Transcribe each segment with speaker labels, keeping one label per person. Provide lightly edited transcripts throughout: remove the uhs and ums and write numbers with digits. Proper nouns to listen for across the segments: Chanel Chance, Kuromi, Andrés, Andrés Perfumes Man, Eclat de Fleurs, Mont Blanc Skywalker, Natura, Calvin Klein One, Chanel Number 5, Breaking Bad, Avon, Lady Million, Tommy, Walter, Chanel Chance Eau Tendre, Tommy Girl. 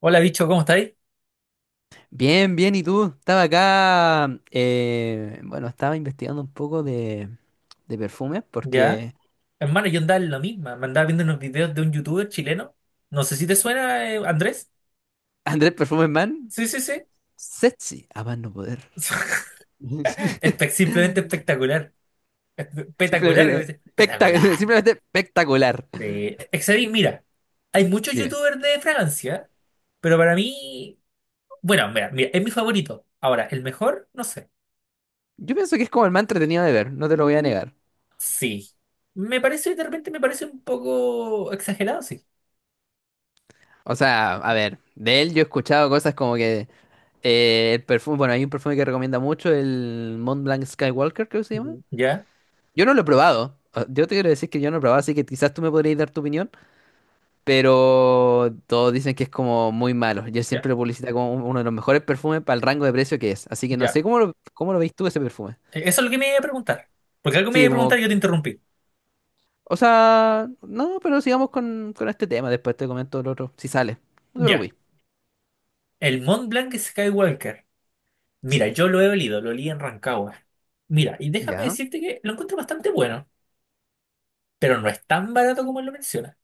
Speaker 1: Hola, bicho, ¿cómo estáis?
Speaker 2: Bien, bien, ¿y tú? Estaba acá, bueno, estaba investigando un poco de perfumes
Speaker 1: Ya.
Speaker 2: porque
Speaker 1: Hermano, yo andaba en la misma. Me andaba viendo unos videos de un youtuber chileno. No sé si te suena, Andrés.
Speaker 2: Andrés Perfumes Man,
Speaker 1: Sí, sí, sí.
Speaker 2: sexy, a más no poder.
Speaker 1: Simplemente espectacular. Espectacular, como
Speaker 2: Simplemente,
Speaker 1: dice. Espectacular.
Speaker 2: simplemente espectacular.
Speaker 1: Excedí, mira, hay muchos
Speaker 2: Dime,
Speaker 1: youtubers de Francia, pero para mí, bueno, mira, es mi favorito. Ahora, el mejor, no sé.
Speaker 2: yo pienso que es como el más entretenido de ver, no te lo voy a negar.
Speaker 1: Sí. Me parece, de repente me parece un poco exagerado, sí.
Speaker 2: O sea, a ver, de él yo he escuchado cosas como que el perfume, bueno, hay un perfume que recomienda mucho, el Mont Blanc Skywalker, creo que se llama.
Speaker 1: Ujú. Ya,
Speaker 2: Yo no lo he probado. Yo te quiero decir que yo no lo he probado, así que quizás tú me podrías dar tu opinión. Pero todos dicen que es como muy malo. Yo
Speaker 1: ya,
Speaker 2: siempre lo publicita como uno de los mejores perfumes para el rango de precio que es. Así que no
Speaker 1: ya.
Speaker 2: sé cómo cómo lo veis tú ese perfume.
Speaker 1: Eso es lo que me iba a preguntar. Porque algo me
Speaker 2: Sí,
Speaker 1: iba a preguntar
Speaker 2: como,
Speaker 1: y yo te interrumpí.
Speaker 2: o sea, no, pero sigamos con este tema. Después te comento el otro, si sale. No te
Speaker 1: Ya,
Speaker 2: preocupes.
Speaker 1: el Mont Blanc Skywalker. Mira,
Speaker 2: Sí.
Speaker 1: yo lo he olido, lo olí en Rancagua. Mira, y déjame
Speaker 2: Ya.
Speaker 1: decirte que lo encuentro bastante bueno, pero no es tan barato como él lo menciona.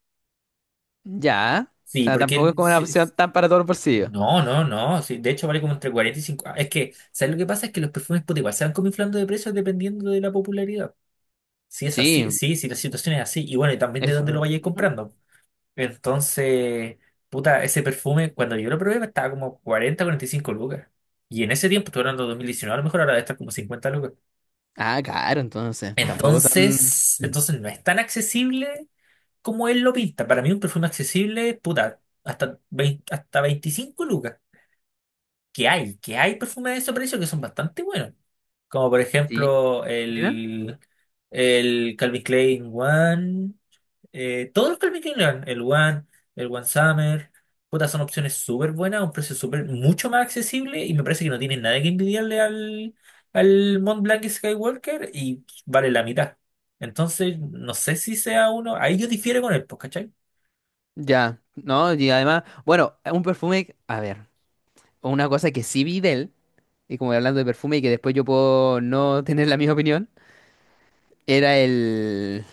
Speaker 2: Ya. O
Speaker 1: Sí,
Speaker 2: sea, tampoco es como una
Speaker 1: sí,
Speaker 2: opción
Speaker 1: sí.
Speaker 2: tan para todos los bolsillos.
Speaker 1: No, no, no. Sí, de hecho, vale como entre 40 y 50. Es que, ¿sabes lo que pasa? Es que los perfumes puta, igual se van como inflando de precios dependiendo de la popularidad. Si es
Speaker 2: Sí,
Speaker 1: así, sí, si la situación es así, y bueno, y también de dónde lo
Speaker 2: eso.
Speaker 1: vayas comprando. Entonces, puta, ese perfume, cuando yo lo probé, estaba como 40, 45 lucas. Y en ese tiempo, estoy hablando de 2019. A lo mejor ahora debe estar como 50 lucas.
Speaker 2: Ah, claro, entonces. Tampoco tan.
Speaker 1: Entonces no es tan accesible como él lo pinta. Para mí, un perfume accesible, puta, hasta 20 hasta 25 lucas. Que hay perfumes de ese precio que son bastante buenos. Como por
Speaker 2: Sí.
Speaker 1: ejemplo
Speaker 2: Dime.
Speaker 1: el, Calvin Klein One. Todos los Calvin Klein, el One Summer, puta, son opciones súper buenas, a un precio súper mucho más accesible y me parece que no tienen nada que envidiarle al Mont Blanc y Skywalker y vale la mitad. Entonces, no sé si sea uno, ahí yo difiero con él, pues, ¿cachai?
Speaker 2: Ya. No, y además, bueno, un perfume. A ver, una cosa que sí vi de él. Y como hablando de perfume y que después yo puedo no tener la misma opinión, era el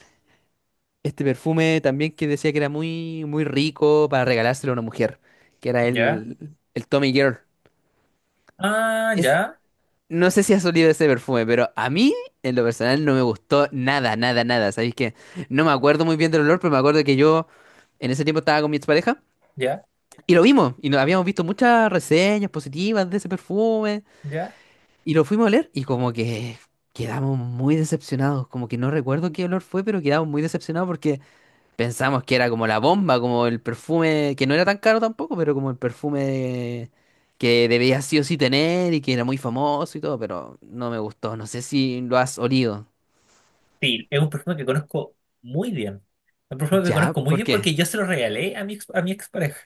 Speaker 2: este perfume también que decía que era muy muy rico para regalárselo a una mujer, que era
Speaker 1: Ya.
Speaker 2: el Tommy Girl.
Speaker 1: Ah,
Speaker 2: Es,
Speaker 1: ya,
Speaker 2: no sé si has olido ese perfume, pero a mí en lo personal no me gustó nada, nada, nada. ¿Sabéis que no me acuerdo muy bien del olor? Pero me acuerdo que yo en ese tiempo estaba con mi expareja
Speaker 1: ya,
Speaker 2: y lo vimos y no, habíamos visto muchas reseñas positivas de ese perfume.
Speaker 1: ya.
Speaker 2: Y lo fuimos a oler y como que quedamos muy decepcionados, como que no recuerdo qué olor fue, pero quedamos muy decepcionados porque pensamos que era como la bomba, como el perfume, que no era tan caro tampoco, pero como el perfume que debía sí o sí tener y que era muy famoso y todo, pero no me gustó, no sé si lo has olido.
Speaker 1: Sí, es un perfume que conozco muy bien. Un perfume que
Speaker 2: ¿Ya?
Speaker 1: conozco muy
Speaker 2: ¿Por
Speaker 1: bien
Speaker 2: qué?
Speaker 1: porque yo se lo regalé a mi expareja.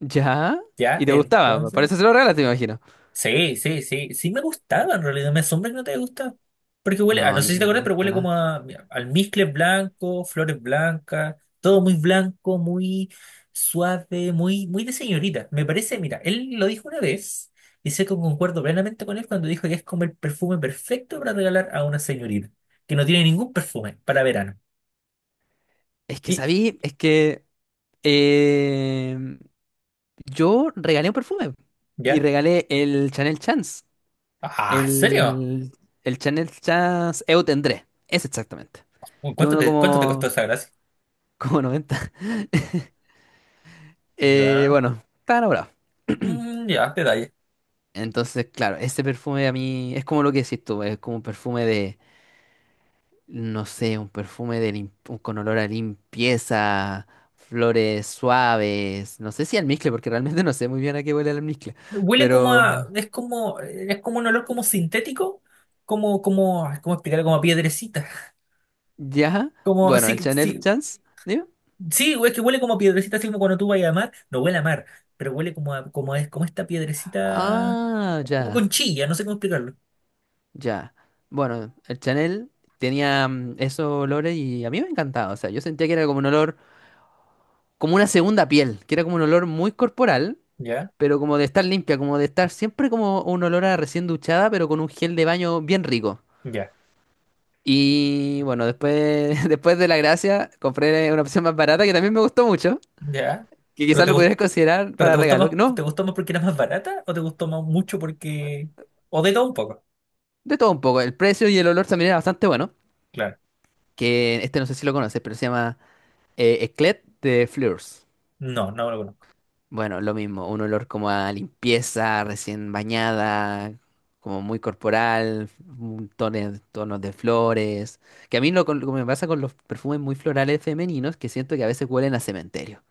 Speaker 2: ¿Ya?
Speaker 1: Ya,
Speaker 2: ¿Y te gustaba? Por
Speaker 1: entonces.
Speaker 2: eso se lo regalaste, me imagino.
Speaker 1: Sí, sí, sí. Sí me gustaba en realidad. Me asombra que no te gusta. Porque huele,
Speaker 2: No,
Speaker 1: no
Speaker 2: a
Speaker 1: sé si te
Speaker 2: mí no
Speaker 1: acuerdas,
Speaker 2: me
Speaker 1: pero
Speaker 2: gusta
Speaker 1: huele como
Speaker 2: nada.
Speaker 1: a mira, almizcle blanco, flores blancas, todo muy blanco, muy suave, muy, muy de señorita. Me parece, mira, él lo dijo una vez, y sé que concuerdo plenamente con él cuando dijo que es como el perfume perfecto para regalar a una señorita, que no tiene ningún perfume para verano.
Speaker 2: Es que
Speaker 1: ¿Y
Speaker 2: sabí, es que... em, yo regalé un perfume y
Speaker 1: ya?
Speaker 2: regalé el Chanel Chance,
Speaker 1: Ah, ¿en serio?
Speaker 2: el, el Chanel Chance Eu Tendré, es exactamente,
Speaker 1: Uy,
Speaker 2: que
Speaker 1: ¿Cuánto
Speaker 2: uno
Speaker 1: te, cuánto te costó
Speaker 2: como,
Speaker 1: esa gracia?
Speaker 2: como 90.
Speaker 1: Ya.
Speaker 2: Bueno, está enamorado.
Speaker 1: Mm, ya, detalle.
Speaker 2: Entonces, claro, ese perfume a mí es como lo que decís tú, es como un perfume de, no sé, un perfume de con olor a limpieza, flores suaves, no sé si almizcle, porque realmente no sé muy bien a qué huele el almizcle,
Speaker 1: Huele como a,
Speaker 2: pero
Speaker 1: es como un olor como sintético, ¿Cómo explicarlo? Como a piedrecita.
Speaker 2: ya, bueno, el
Speaker 1: Sí,
Speaker 2: Chanel
Speaker 1: sí,
Speaker 2: Chance, ¿sí?
Speaker 1: sí, es que huele como a piedrecita, así como cuando tú vas a mar, no huele a mar, pero huele como a, como es, como esta piedrecita,
Speaker 2: Ah,
Speaker 1: como
Speaker 2: ya,
Speaker 1: conchilla, no sé cómo explicarlo.
Speaker 2: ya. Bueno, el Chanel tenía esos olores y a mí me encantaba. O sea, yo sentía que era como un olor, como una segunda piel, que era como un olor muy corporal,
Speaker 1: Ya,
Speaker 2: pero como de estar limpia, como de estar siempre como un olor a recién duchada, pero con un gel de baño bien rico.
Speaker 1: ya,
Speaker 2: Y bueno, después, después de la gracia, compré una opción más barata que también me gustó mucho,
Speaker 1: ya.
Speaker 2: que
Speaker 1: Pero
Speaker 2: quizás
Speaker 1: te
Speaker 2: lo
Speaker 1: gustó,
Speaker 2: pudieras considerar
Speaker 1: pero
Speaker 2: para
Speaker 1: te gustó
Speaker 2: regalo.
Speaker 1: más,
Speaker 2: No,
Speaker 1: te gustó más porque era más barata, o te gustó más mucho porque, o de todo un poco,
Speaker 2: de todo un poco. El precio y el olor también era bastante bueno,
Speaker 1: claro.
Speaker 2: que este no sé si lo conoces, pero se llama... Eclet de Fleurs.
Speaker 1: No, no lo conozco.
Speaker 2: Bueno, lo mismo, un olor como a limpieza, recién bañada, como muy corporal, un tonos de flores. Que a mí lo que me pasa con los perfumes muy florales femeninos, que siento que a veces huelen a cementerio.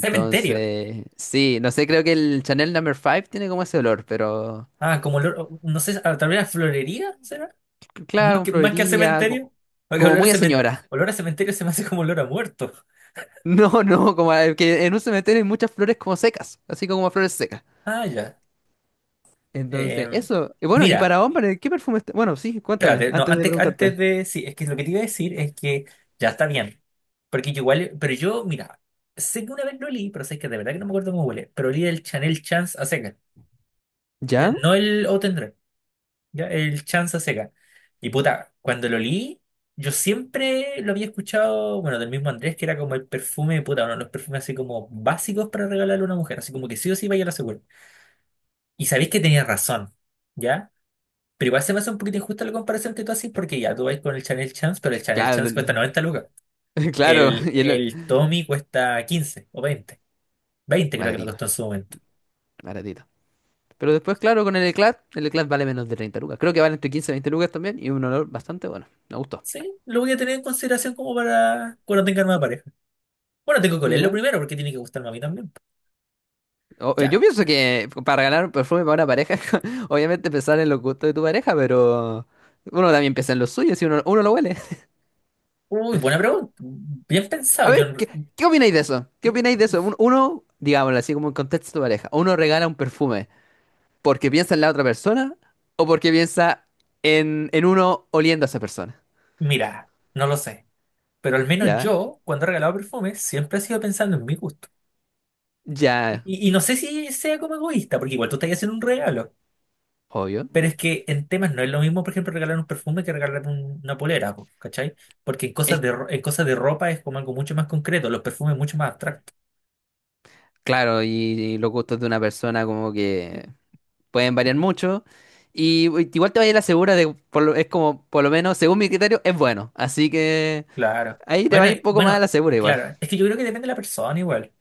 Speaker 1: Cementerio.
Speaker 2: sí, no sé, creo que el Chanel Number 5 tiene como ese olor, pero
Speaker 1: Ah, como olor, no sé, tal vez a florería.
Speaker 2: claro,
Speaker 1: Más
Speaker 2: un
Speaker 1: que, más que a
Speaker 2: florería,
Speaker 1: cementerio, porque
Speaker 2: como muy a señora.
Speaker 1: olor a cementerio se me hace como olor a muerto.
Speaker 2: No, no, que en un cementerio hay muchas flores como secas, así como flores secas.
Speaker 1: Ah, ya. Eh,
Speaker 2: Entonces, eso. Y bueno, y
Speaker 1: mira,
Speaker 2: para hombres, ¿qué perfume está? Bueno, sí, cuéntame,
Speaker 1: espérate, no,
Speaker 2: antes de
Speaker 1: antes
Speaker 2: preguntarte.
Speaker 1: de. Sí, es que lo que te iba a decir es que ya está bien. Porque yo igual, pero yo, mira, sé que una vez lo olí, pero sé que de verdad que no me acuerdo cómo huele, pero olí el Chanel Chance a secas. Ya.
Speaker 2: ¿Ya?
Speaker 1: No el O. Ya, el chanza seca. Y puta, cuando lo leí, yo siempre lo había escuchado, bueno, del mismo Andrés, que era como el perfume, puta, uno de los perfumes así como básicos para regalarle a una mujer, así como que sí o sí vaya a la segura. Y sabéis que tenía razón, ¿ya? Pero igual se me hace un poquito injusta la comparación que tú haces, porque ya tú vais con el Chanel Chance, pero el Chanel
Speaker 2: Claro,
Speaker 1: Chance cuesta 90 lucas.
Speaker 2: claro.
Speaker 1: El,
Speaker 2: Y el...
Speaker 1: el Tommy cuesta 15 o 20. 20 creo que me
Speaker 2: Baratito,
Speaker 1: costó en su momento.
Speaker 2: baratito. Pero después, claro, con el Eclat vale menos de 30 lucas. Creo que vale entre 15 y 20 lucas también y un olor bastante bueno. Me gustó.
Speaker 1: Sí, lo voy a tener en consideración como para cuando tenga nueva pareja. Bueno, tengo que leerlo
Speaker 2: Mira,
Speaker 1: primero porque tiene que gustarme a mí también. Ya.
Speaker 2: yo pienso que para ganar un perfume para una pareja, obviamente pensar en los gustos de tu pareja, pero uno también piensa en los suyos y uno lo huele.
Speaker 1: Uy, buena pregunta. Bien pensado.
Speaker 2: A
Speaker 1: Yo,
Speaker 2: ver, ¿qué opináis de eso? ¿Qué opináis de eso? Uno, digámoslo así como en contexto de pareja, uno regala un perfume porque piensa en la otra persona o porque piensa en uno oliendo a esa persona.
Speaker 1: mira, no lo sé. Pero al menos
Speaker 2: ¿Ya?
Speaker 1: yo, cuando he regalado perfumes, siempre he sido pensando en mi gusto. Y,
Speaker 2: Ya,
Speaker 1: y- y no sé si sea como egoísta, porque igual tú estás haciendo un regalo.
Speaker 2: obvio.
Speaker 1: Pero es que en temas no es lo mismo, por ejemplo, regalar un perfume que regalar una polera, po, ¿cachai? Porque en cosas
Speaker 2: Es
Speaker 1: de, ro- en cosas de ropa es como algo mucho más concreto, los perfumes mucho más abstractos.
Speaker 2: claro, y los gustos de una persona como que pueden variar mucho. Y igual te vaya a la segura de, es como, por lo menos, según mi criterio, es bueno. Así que
Speaker 1: Claro.
Speaker 2: ahí te va
Speaker 1: Bueno,
Speaker 2: un poco más a la segura igual.
Speaker 1: claro. Es que yo creo que depende de la persona igual.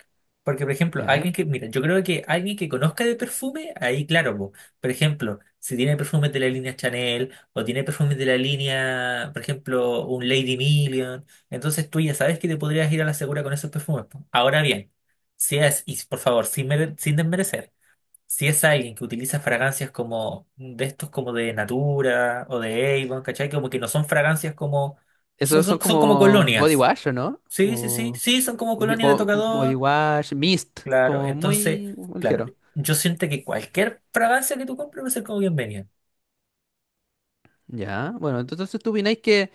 Speaker 1: Porque, por ejemplo,
Speaker 2: ¿Ya?
Speaker 1: alguien que, mira, yo creo que alguien que conozca de perfume, ahí claro, po. Por ejemplo, si tiene perfumes de la línea Chanel o tiene perfumes de la línea, por ejemplo, un Lady Million, entonces tú ya sabes que te podrías ir a la segura con esos perfumes, po. Ahora bien, si es, y por favor, sin desmerecer. Si es alguien que utiliza fragancias como de estos como de Natura o de Avon, ¿cachai? Como que no son fragancias como... Son,
Speaker 2: Esos
Speaker 1: son,
Speaker 2: son
Speaker 1: son como
Speaker 2: como body
Speaker 1: colonias.
Speaker 2: wash, ¿o no?
Speaker 1: Sí, sí, sí,
Speaker 2: Como,
Speaker 1: sí, son como colonias de
Speaker 2: como body
Speaker 1: tocador.
Speaker 2: wash, mist,
Speaker 1: Claro,
Speaker 2: como
Speaker 1: entonces,
Speaker 2: muy
Speaker 1: claro,
Speaker 2: ligero.
Speaker 1: yo siento que cualquier fragancia que tú compres va a ser como bienvenida.
Speaker 2: Ya, bueno, entonces tú opináis que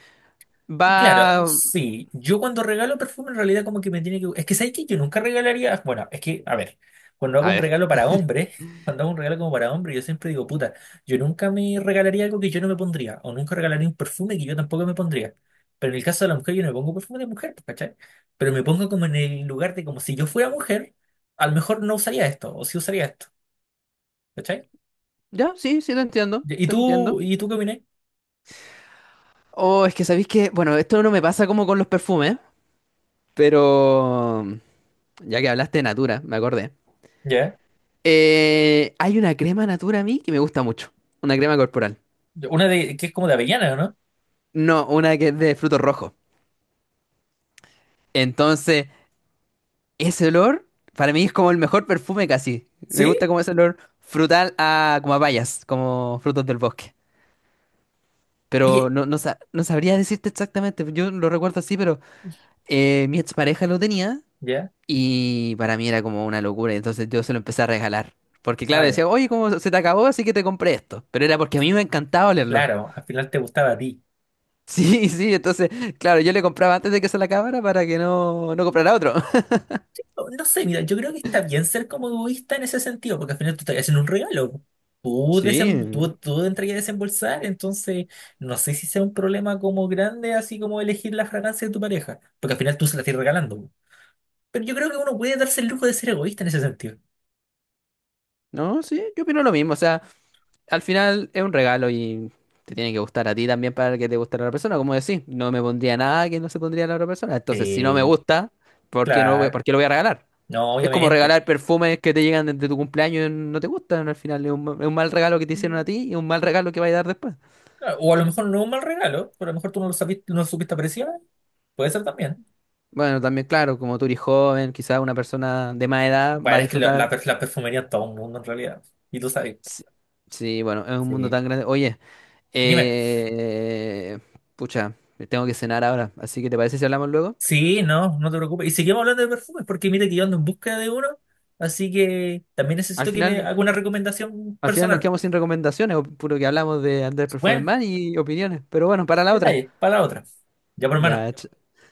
Speaker 1: Claro,
Speaker 2: va.
Speaker 1: sí. Yo cuando regalo perfume, en realidad como que me tiene que... Es que, ¿sabes que yo nunca regalaría...? Bueno, es que, a ver, cuando hago
Speaker 2: A
Speaker 1: un
Speaker 2: ver.
Speaker 1: regalo para hombres, cuando hago un regalo como para hombres, yo siempre digo, puta, yo nunca me regalaría algo que yo no me pondría, o nunca regalaría un perfume que yo tampoco me pondría. Pero en el caso de la mujer, yo no me pongo perfume de mujer, pues, ¿cachai? Pero me pongo como en el lugar de como si yo fuera mujer, a lo mejor no usaría esto, o sí usaría esto, ¿cachai?
Speaker 2: Ya, sí, sí, te entiendo.
Speaker 1: ¿Y
Speaker 2: Te
Speaker 1: tú,
Speaker 2: entiendo.
Speaker 1: y tú qué opinas?
Speaker 2: Oh, es que sabéis que. Bueno, esto no me pasa como con los perfumes. Pero. Ya que hablaste de Natura, me acordé.
Speaker 1: Ya.
Speaker 2: Hay una crema Natura a mí que me gusta mucho. Una crema corporal.
Speaker 1: Una de, que es como de avellana, ¿o no?
Speaker 2: No, una que es de frutos rojos. Entonces, ese olor para mí es como el mejor perfume casi. Me
Speaker 1: ¿Sí?
Speaker 2: gusta como ese olor frutal a como a bayas, como frutos del bosque. Pero
Speaker 1: Oye,
Speaker 2: no, no, no sabría decirte exactamente, yo lo recuerdo así, pero mi expareja lo tenía
Speaker 1: ya.
Speaker 2: y para mí era como una locura, entonces yo se lo empecé a regalar. Porque claro,
Speaker 1: Ah, ya.
Speaker 2: decía, oye, ¿cómo se te acabó? Así que te compré esto. Pero era porque a mí me encantaba olerlo.
Speaker 1: Claro, al final te gustaba a ti.
Speaker 2: Sí, sí, entonces, claro, yo le compraba antes de que se la acabara para que no comprara otro.
Speaker 1: No, no sé, mira, yo creo que está bien ser como egoísta en ese sentido, porque al final tú estás haciendo un regalo. Tú,
Speaker 2: Sí,
Speaker 1: desem- tú, tú entrarías a desembolsar, entonces no sé si sea un problema como grande, así como elegir la fragancia de tu pareja, porque al final tú se la estás regalando. Pero yo creo que uno puede darse el lujo de ser egoísta en ese sentido.
Speaker 2: no, sí, yo opino lo mismo, o sea... al final es un regalo y te tiene que gustar a ti también para que te guste a la otra persona. Como decís, no me pondría nada que no se pondría a la otra persona. Entonces, si no me
Speaker 1: Sí,
Speaker 2: gusta, ¿por qué no
Speaker 1: claro,
Speaker 2: por qué lo voy a regalar?
Speaker 1: no,
Speaker 2: Es como
Speaker 1: obviamente.
Speaker 2: regalar perfumes que te llegan desde tu cumpleaños y no te gustan. Al final es es un mal regalo que te hicieron a
Speaker 1: Mm,
Speaker 2: ti y un mal regalo que va a dar después.
Speaker 1: claro, o a lo mejor no es un mal regalo, pero a lo mejor tú no lo sabiste, no lo supiste apreciar, puede ser también.
Speaker 2: Bueno, también, claro, como tú eres joven, quizás una persona de más edad va a
Speaker 1: Bueno, es que la,
Speaker 2: disfrutar.
Speaker 1: la perfumería es todo un mundo en realidad, y tú sabes.
Speaker 2: Sí, sí, bueno, es un mundo
Speaker 1: Sí.
Speaker 2: tan grande. Oye,
Speaker 1: Dime,
Speaker 2: eh, pucha, tengo que cenar ahora. Así que, ¿te parece si hablamos luego?
Speaker 1: sí, no, no te preocupes. Y seguimos hablando de perfumes, porque mira que yo ando en búsqueda de uno, así que también
Speaker 2: Al
Speaker 1: necesito que me
Speaker 2: final.
Speaker 1: haga una recomendación
Speaker 2: Al final nos
Speaker 1: personal.
Speaker 2: quedamos sin recomendaciones, o puro que hablamos de Andrés
Speaker 1: Bueno,
Speaker 2: Performance y opiniones. Pero bueno, para la otra.
Speaker 1: detalle, para la otra. Ya, por hermano,
Speaker 2: Ya,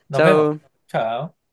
Speaker 1: nos vemos.
Speaker 2: chao.
Speaker 1: Chao.